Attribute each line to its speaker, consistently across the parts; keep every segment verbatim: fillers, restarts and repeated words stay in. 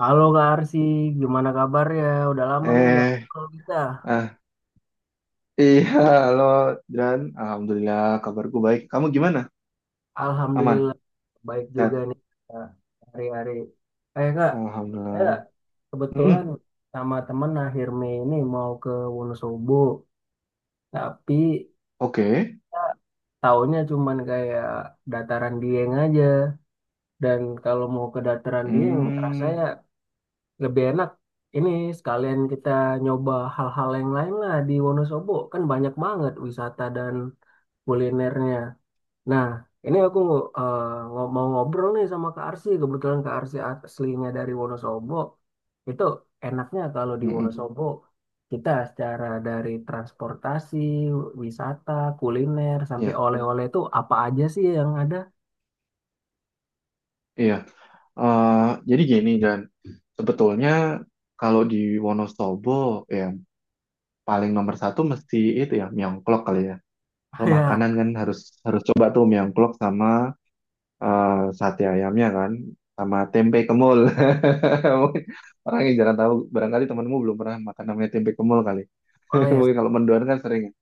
Speaker 1: Halo Kak Arsi, gimana kabarnya? Udah lama nih nggak
Speaker 2: Eh,
Speaker 1: ngobrol kita.
Speaker 2: ah, iya, halo, Dan. Alhamdulillah, kabarku baik. Kamu gimana? Aman?
Speaker 1: Alhamdulillah, baik juga
Speaker 2: Sehat?
Speaker 1: nih Kak, hari-hari. Eh Kak, eh,
Speaker 2: Alhamdulillah.
Speaker 1: kebetulan
Speaker 2: Mm-mm.
Speaker 1: sama temen akhir Mei ini mau ke Wonosobo, tapi
Speaker 2: Oke.
Speaker 1: Kak, taunya cuman kayak dataran Dieng aja. Dan kalau mau ke dataran Dieng,
Speaker 2: Hmm,
Speaker 1: rasanya lebih enak. Ini sekalian kita nyoba hal-hal yang lain lah di Wonosobo, kan banyak banget wisata dan kulinernya. Nah, ini aku eh, ngo- mau ngobrol nih sama Kak Arsy. Kebetulan Kak Arsy aslinya dari Wonosobo. Itu enaknya kalau di
Speaker 2: mm-mm.
Speaker 1: Wonosobo, kita secara dari transportasi, wisata, kuliner, sampai
Speaker 2: Iya,
Speaker 1: oleh-oleh itu apa aja sih yang ada?
Speaker 2: iya. Eh, jadi gini, Dan. Sebetulnya kalau di Wonosobo, ya paling nomor satu mesti itu ya, mieongklok kali ya. Kalau
Speaker 1: Ya,
Speaker 2: makanan kan harus harus coba tuh mieongklok sama eh, sate ayamnya kan sama tempe kemul. Mungkin orang yang jarang tahu barangkali temanmu belum pernah makan namanya tempe kemul kali.
Speaker 1: oleh.
Speaker 2: Mungkin kalau mendoan kan sering ya.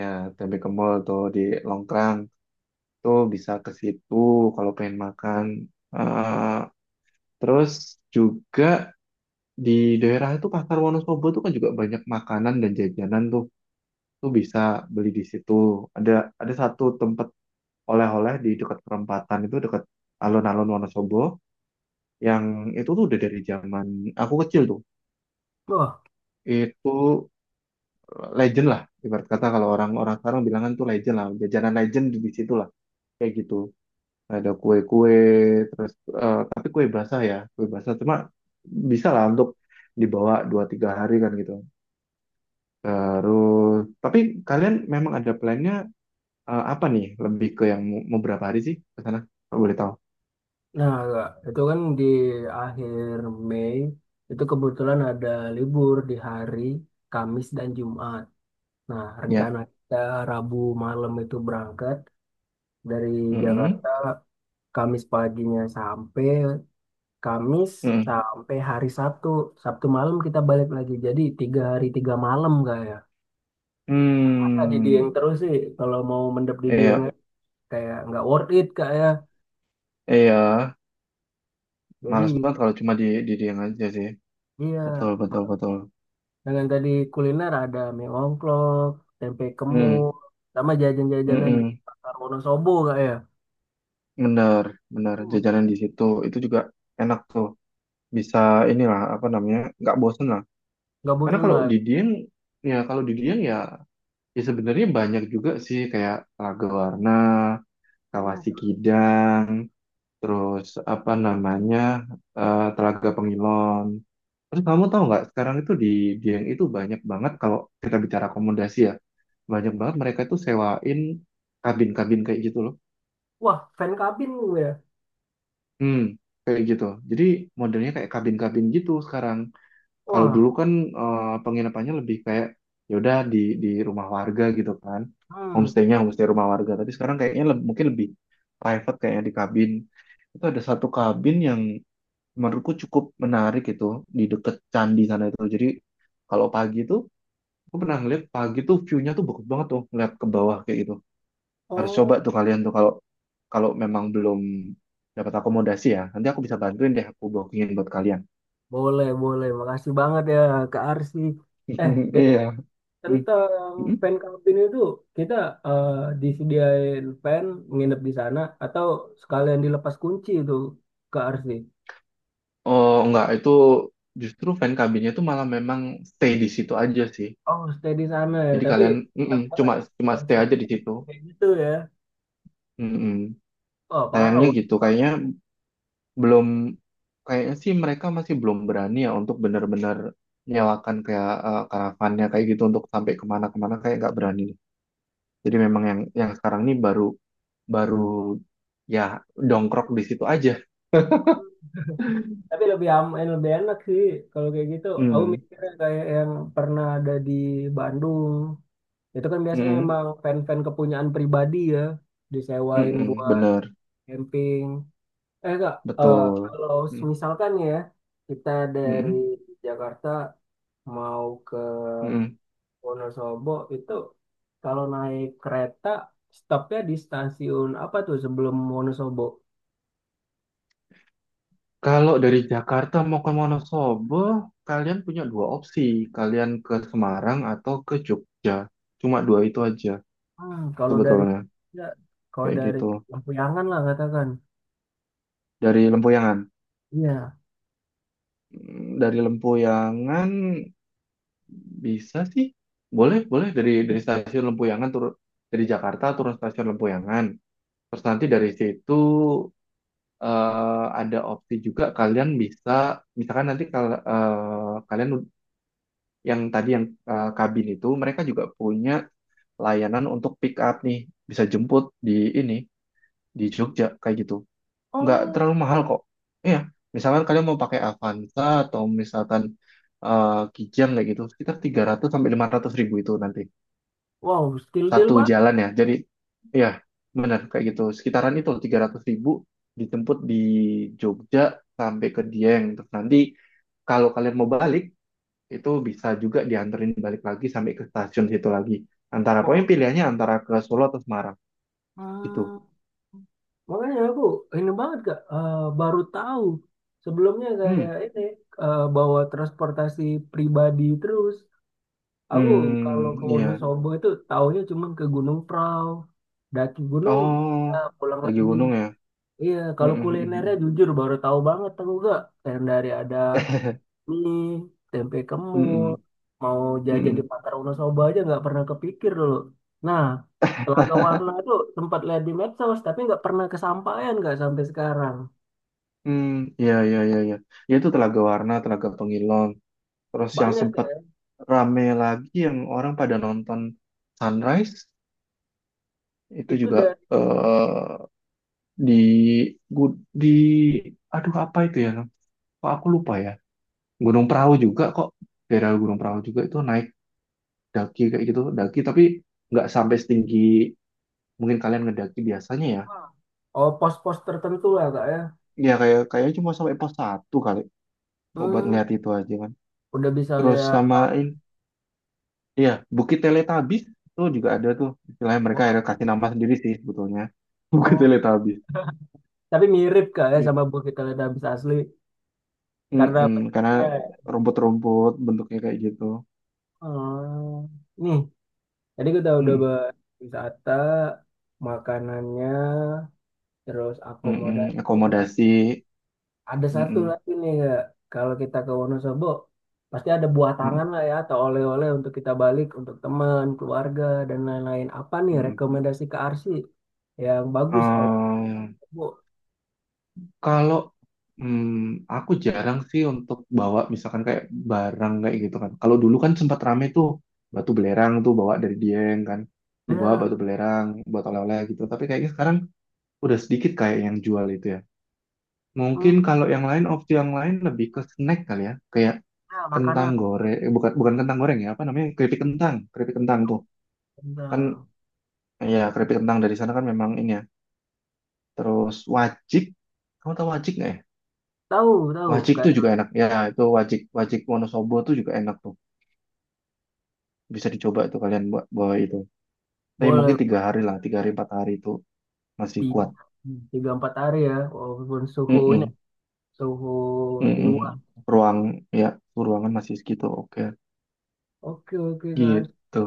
Speaker 2: Ya, tempe kemul tuh di Longkrang tuh bisa ke situ kalau pengen makan. Eh, terus juga di daerah itu Pasar Wonosobo tuh kan juga banyak makanan dan jajanan tuh. Tuh bisa beli di situ. Ada ada satu tempat oleh-oleh di dekat perempatan itu dekat alun-alun Wonosobo yang itu tuh udah dari zaman aku kecil tuh
Speaker 1: Wah,
Speaker 2: itu eh, legend lah, ibarat kata kalau orang-orang sekarang bilangan tuh legend lah, jajanan legend di di situ lah kayak gitu, ada kue-kue terus eh, tapi kue basah, ya kue basah cuma bisa lah untuk dibawa dua tiga hari kan gitu. Terus tapi kalian memang ada plannya eh, apa nih, lebih ke yang mau mau berapa hari sih ke sana? Kalau boleh tahu
Speaker 1: nah Kak, itu kan di akhir Mei, itu kebetulan ada libur di hari Kamis dan Jumat. Nah,
Speaker 2: ya.
Speaker 1: rencana kita Rabu malam itu berangkat. Dari
Speaker 2: Mm -mm.
Speaker 1: Jakarta Kamis paginya sampai Kamis
Speaker 2: Mm.
Speaker 1: sampai hari Sabtu. Sabtu malam kita balik lagi. Jadi tiga hari tiga malam kak ya. Masa di Dieng
Speaker 2: Hmm,
Speaker 1: terus sih kalau mau mendap di Dieng
Speaker 2: iya,
Speaker 1: kayak nggak worth it kak ya.
Speaker 2: iya.
Speaker 1: Jadi
Speaker 2: Males banget kalau cuma di di dia aja sih.
Speaker 1: iya,
Speaker 2: Betul, betul, betul.
Speaker 1: dengan tadi kuliner ada mie ongklok, tempe kemul,
Speaker 2: Hmm,
Speaker 1: sama jajan-jajanan di
Speaker 2: mm-mm.
Speaker 1: Pasar Wonosobo kak ya.
Speaker 2: Benar, benar.
Speaker 1: Hmm,
Speaker 2: Jajanan di situ itu juga enak tuh. Bisa inilah, apa namanya, nggak bosen lah.
Speaker 1: nggak
Speaker 2: Karena
Speaker 1: bosan
Speaker 2: kalau
Speaker 1: lah.
Speaker 2: di Dieng ya, kalau di Dieng ya, ya sebenarnya banyak juga sih kayak Raga Warna,
Speaker 1: Hmm.
Speaker 2: Kawasi Kidang, terus apa namanya, eh, Telaga Pengilon. Terus kamu tahu nggak sekarang itu di Dieng itu banyak banget, kalau kita bicara akomodasi ya, banyak banget mereka itu sewain kabin-kabin kayak gitu loh.
Speaker 1: Wah, fan kabin gue ya.
Speaker 2: Hmm, kayak gitu. Jadi modelnya kayak kabin-kabin gitu sekarang. Kalau
Speaker 1: Wah,
Speaker 2: dulu kan eh, penginapannya lebih kayak ya udah di di rumah warga gitu kan.
Speaker 1: hmm.
Speaker 2: Homestay-nya homestay rumah warga, tapi sekarang kayaknya leb- mungkin lebih private kayaknya di kabin. Itu ada satu kabin yang menurutku cukup menarik itu di deket candi sana itu. Jadi kalau pagi itu gue pernah ngeliat pagi tuh view-nya tuh bagus banget tuh, ngeliat ke bawah kayak gitu. Harus
Speaker 1: Oh,
Speaker 2: coba tuh kalian tuh, kalau kalau memang belum dapat akomodasi ya. Nanti aku bisa bantuin deh, aku bookingin buat kalian.
Speaker 1: boleh, boleh. Makasih banget ya Kak Arsi. Eh, B T W
Speaker 2: Iya. Hmm.
Speaker 1: tentang
Speaker 2: Hmm.
Speaker 1: fan camping itu kita eh, disediain fan nginep di sana atau sekalian dilepas kunci itu Kak Arsi.
Speaker 2: Oh enggak, itu justru fan cabinnya tuh malah memang stay di situ aja sih.
Speaker 1: Oh, stay di sana ya.
Speaker 2: Jadi
Speaker 1: Tapi
Speaker 2: kalian mm-mm,
Speaker 1: enak banget
Speaker 2: cuma cuma stay
Speaker 1: konsep
Speaker 2: aja di situ.
Speaker 1: kayak gitu ya.
Speaker 2: Mm-mm.
Speaker 1: Oh, parah.
Speaker 2: Sayangnya
Speaker 1: Wak.
Speaker 2: gitu, kayaknya belum, kayaknya sih mereka masih belum berani ya untuk benar-benar nyewakan kayak eh, karavannya kayak gitu untuk sampai kemana-kemana, kayak nggak berani. Jadi memang yang yang sekarang ini baru baru ya dongkrok di situ aja.
Speaker 1: Tapi lebih aman, lebih enak sih kalau kayak gitu. Aku
Speaker 2: Hmm,
Speaker 1: mikirnya kayak yang pernah ada di Bandung. Itu kan biasanya
Speaker 2: mm-mm,
Speaker 1: emang fan-fan kepunyaan pribadi ya, disewain
Speaker 2: mm-mm,
Speaker 1: buat
Speaker 2: bener,
Speaker 1: camping. Eh kak, eh,
Speaker 2: betul.
Speaker 1: kalau
Speaker 2: Mm,
Speaker 1: misalkan ya kita dari
Speaker 2: mm-mm,
Speaker 1: Jakarta mau ke
Speaker 2: mm-mm.
Speaker 1: Wonosobo itu kalau naik kereta stopnya di stasiun apa tuh sebelum Wonosobo?
Speaker 2: Kalau dari Jakarta mau ke Wonosobo, kalian punya dua opsi. Kalian ke Semarang atau ke Jogja. Cuma dua itu aja
Speaker 1: Hmm, kalau dari
Speaker 2: sebetulnya,
Speaker 1: ya, kalau
Speaker 2: kayak
Speaker 1: dari
Speaker 2: gitu,
Speaker 1: Lampuyangan lah katakan.
Speaker 2: dari Lempuyangan.
Speaker 1: Iya.
Speaker 2: Mm, dari Lempuyangan bisa sih. Boleh, boleh, dari dari stasiun Lempuyangan turun, dari Jakarta turun stasiun Lempuyangan. Terus nanti dari situ eh, ada opsi juga, kalian bisa misalkan nanti kal eh, kalian ud- yang tadi yang eh, kabin itu, mereka juga punya layanan untuk pick up nih, bisa jemput di ini di Jogja kayak gitu. Nggak
Speaker 1: Oh,
Speaker 2: terlalu mahal kok. Iya, misalkan kalian mau pakai Avanza atau misalkan eh, Kijang kayak gitu, sekitar tiga ratus sampai lima ratus ribu itu nanti.
Speaker 1: wow, still deal
Speaker 2: Satu
Speaker 1: banget.
Speaker 2: jalan ya. Jadi, ya benar kayak gitu. Sekitaran itu tiga ratus ribu dijemput di Jogja sampai ke Dieng. Terus nanti kalau kalian mau balik, itu bisa juga dianterin balik lagi sampai ke stasiun situ lagi. Antara, pokoknya pilihannya antara ke Solo atau Semarang. Gitu.
Speaker 1: Wow. Makanya aku ini banget Kak, eh, baru tahu sebelumnya kayak
Speaker 2: Hmm,
Speaker 1: ini eh, bawa transportasi pribadi terus. Aku kalau ke
Speaker 2: hmm, iya.
Speaker 1: Wonosobo itu taunya cuman ke Gunung Prau, daki gunung,
Speaker 2: Oh,
Speaker 1: eh, pulang
Speaker 2: lagi
Speaker 1: lagi.
Speaker 2: gunung ya.
Speaker 1: Iya, kalau
Speaker 2: Mm-mm, mm-mm.
Speaker 1: kulinernya jujur baru tahu banget aku Kak. Kayak dari ada nih tempe kemul
Speaker 2: Mm-mm,
Speaker 1: mau jajan di
Speaker 2: mm-mm.
Speaker 1: Pasar Wonosobo aja nggak pernah kepikir dulu. Nah, Telaga Warna tuh sempat lihat di medsos, tapi nggak pernah kesampaian nggak sampai sekarang.
Speaker 2: Hmm, ya, ya, ya, ya. Ya, itu Telaga Warna, Telaga Pengilon. Terus yang
Speaker 1: Banyak Kak.
Speaker 2: sempat
Speaker 1: Ya.
Speaker 2: rame lagi yang orang pada nonton sunrise itu
Speaker 1: Itu
Speaker 2: juga
Speaker 1: dari
Speaker 2: eh di gu- di, aduh apa itu ya? Kok aku lupa ya. Gunung Perahu, juga kok daerah Gunung Perahu juga itu naik, daki kayak gitu, daki tapi nggak sampai setinggi mungkin kalian ngedaki biasanya ya.
Speaker 1: ah, oh pos-pos tertentu lah kak ya.
Speaker 2: Ya kayak kayaknya cuma sampai pos satu kali, cuma buat
Speaker 1: Hmm,
Speaker 2: ngeliat itu aja kan.
Speaker 1: udah bisa
Speaker 2: Terus
Speaker 1: lihat.
Speaker 2: samain, iya, Bukit Teletubbies itu juga ada tuh. Istilahnya mereka
Speaker 1: Wah,
Speaker 2: akhirnya kasih nama sendiri sih sebetulnya. Bukit
Speaker 1: oh,
Speaker 2: Teletubbies.
Speaker 1: tapi mirip kak ya
Speaker 2: It-
Speaker 1: sama buah kita lihat habis asli karena
Speaker 2: Mm-mm, karena
Speaker 1: bentuknya. Ya.
Speaker 2: rumput-rumput bentuknya kayak gitu.
Speaker 1: Hmm. Nih, jadi kita udah
Speaker 2: Mm-mm,
Speaker 1: bahas wisata, makanannya, terus
Speaker 2: mm-mm,
Speaker 1: akomodasi. Kak.
Speaker 2: akomodasi.
Speaker 1: Ada satu
Speaker 2: Mm-mm,
Speaker 1: lagi nih Kak. Kalau kita ke Wonosobo pasti ada buah
Speaker 2: mm-mm,
Speaker 1: tangan lah ya atau oleh-oleh untuk kita balik untuk teman, keluarga dan lain-lain. Apa nih
Speaker 2: mm-mm.
Speaker 1: rekomendasi ke Arsi yang bagus oleh Bu?
Speaker 2: Kalau hmm, aku jarang sih untuk bawa misalkan kayak barang kayak gitu kan. Kalau dulu kan sempat rame tuh batu belerang tuh bawa dari Dieng kan. Dibawa
Speaker 1: Ya,
Speaker 2: batu belerang buat oleh-oleh gitu. Tapi kayaknya sekarang udah sedikit kayak yang jual itu ya.
Speaker 1: hmm,
Speaker 2: Mungkin kalau yang lain, opsi yang lain lebih ke snack kali ya. Kayak
Speaker 1: ya,
Speaker 2: kentang
Speaker 1: makanan.
Speaker 2: goreng, eh, bukan bukan kentang goreng ya, apa namanya, keripik kentang, keripik kentang tuh. Kan
Speaker 1: Nah,
Speaker 2: ya keripik kentang dari sana kan memang ini ya. Terus wajik, kamu tahu wajik nggak ya?
Speaker 1: tahu, tahu
Speaker 2: Wajik
Speaker 1: kayak
Speaker 2: tuh juga enak. Ya, itu wajik wajik Wonosobo tuh juga enak tuh. Bisa dicoba tuh kalian buat bawa itu. Tapi mungkin
Speaker 1: boleh
Speaker 2: tiga hari lah, tiga hari empat hari itu masih kuat.
Speaker 1: tiga, tiga empat hari ya walaupun suhu ini
Speaker 2: Mm-mm,
Speaker 1: suhu di
Speaker 2: mm-mm.
Speaker 1: luar.
Speaker 2: Ruang ya, ruangan masih segitu. Oke,
Speaker 1: Oke, oke Kak Arsi.
Speaker 2: gitu.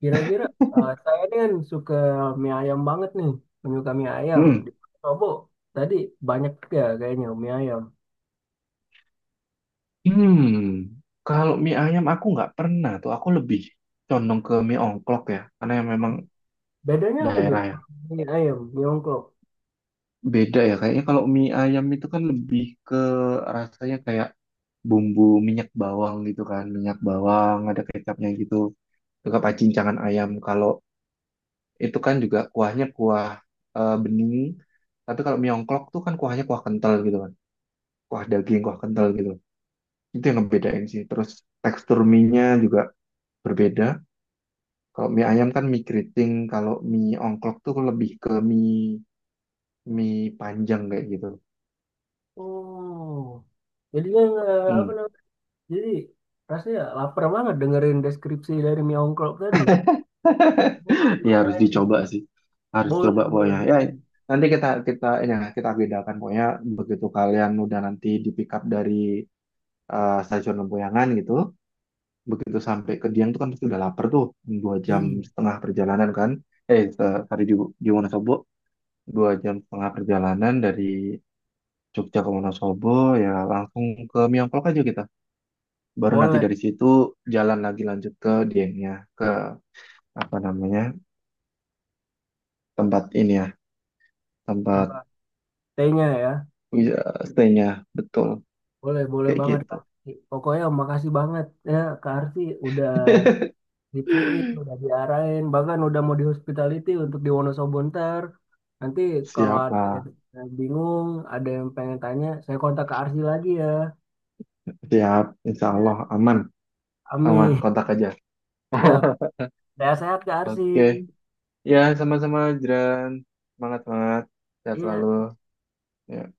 Speaker 1: Kira-kira eh, saya ini kan suka mie ayam banget nih, penyuka mie ayam.
Speaker 2: Hmm.
Speaker 1: Di Sobo tadi banyak ya kayaknya mie ayam.
Speaker 2: Hmm. Kalau mie ayam aku nggak pernah tuh. Aku lebih condong ke mie ongklok ya, karena yang memang
Speaker 1: Bedanya apa tuh?
Speaker 2: daerah ya.
Speaker 1: Sama mie ayam, mie ongklok.
Speaker 2: Beda ya kayaknya, kalau mie ayam itu kan lebih ke rasanya kayak bumbu minyak bawang gitu kan, minyak bawang ada kecapnya gitu, juga pacincangan ayam. Kalau itu kan juga kuahnya kuah eh, bening, tapi kalau mie ongklok tuh kan kuahnya kuah kental gitu kan, kuah daging kuah kental gitu. Itu yang ngebedain sih. Terus tekstur mie-nya juga berbeda. Kalau mie ayam kan mie keriting, kalau mie ongklok tuh lebih ke mie mie panjang kayak gitu.
Speaker 1: Oh, jadi yang eh, apa
Speaker 2: Hmm.
Speaker 1: namanya? Jadi rasanya lapar banget dengerin deskripsi dari mie ongklok tadi. Boleh banget
Speaker 2: Ya harus
Speaker 1: nyobain.
Speaker 2: dicoba sih. Harus coba
Speaker 1: Boleh, boleh,
Speaker 2: pokoknya. Ya
Speaker 1: boleh.
Speaker 2: nanti kita kita ini ya, kita bedakan pokoknya begitu kalian udah nanti di pick up dari eh, stasiun Lempuyangan gitu, begitu sampai ke Dieng tuh kan pasti udah lapar tuh, dua jam
Speaker 1: Ih,
Speaker 2: setengah perjalanan kan. Eh se- tadi di, di Wonosobo, dua jam setengah perjalanan dari Jogja ke Wonosobo ya langsung ke Miyongkok aja kita. Baru nanti
Speaker 1: boleh
Speaker 2: dari situ jalan lagi lanjut ke Diengnya ke apa namanya tempat ini ya tempat.
Speaker 1: tambah tehnya ya.
Speaker 2: Iya, stay-nya betul
Speaker 1: Boleh, boleh
Speaker 2: kayak
Speaker 1: banget
Speaker 2: gitu.
Speaker 1: Kak Arti. Pokoknya makasih banget ya Kak Arti udah dipiin, udah diarahin, bahkan udah mau di hospitality untuk di Wonosobo ntar. Nanti kalau
Speaker 2: Siap
Speaker 1: ada
Speaker 2: lah,
Speaker 1: yang bingung, ada yang pengen tanya, saya kontak ke Arsi lagi ya.
Speaker 2: siap. Insya Allah
Speaker 1: Ya.
Speaker 2: aman, aman.
Speaker 1: Amin.
Speaker 2: Kontak aja.
Speaker 1: Siap. Saya sehat ke Arsi.
Speaker 2: Oke, ya sama-sama, Jiran. Semangat, semangat. Sehat selalu.
Speaker 1: Iya.
Speaker 2: Ya.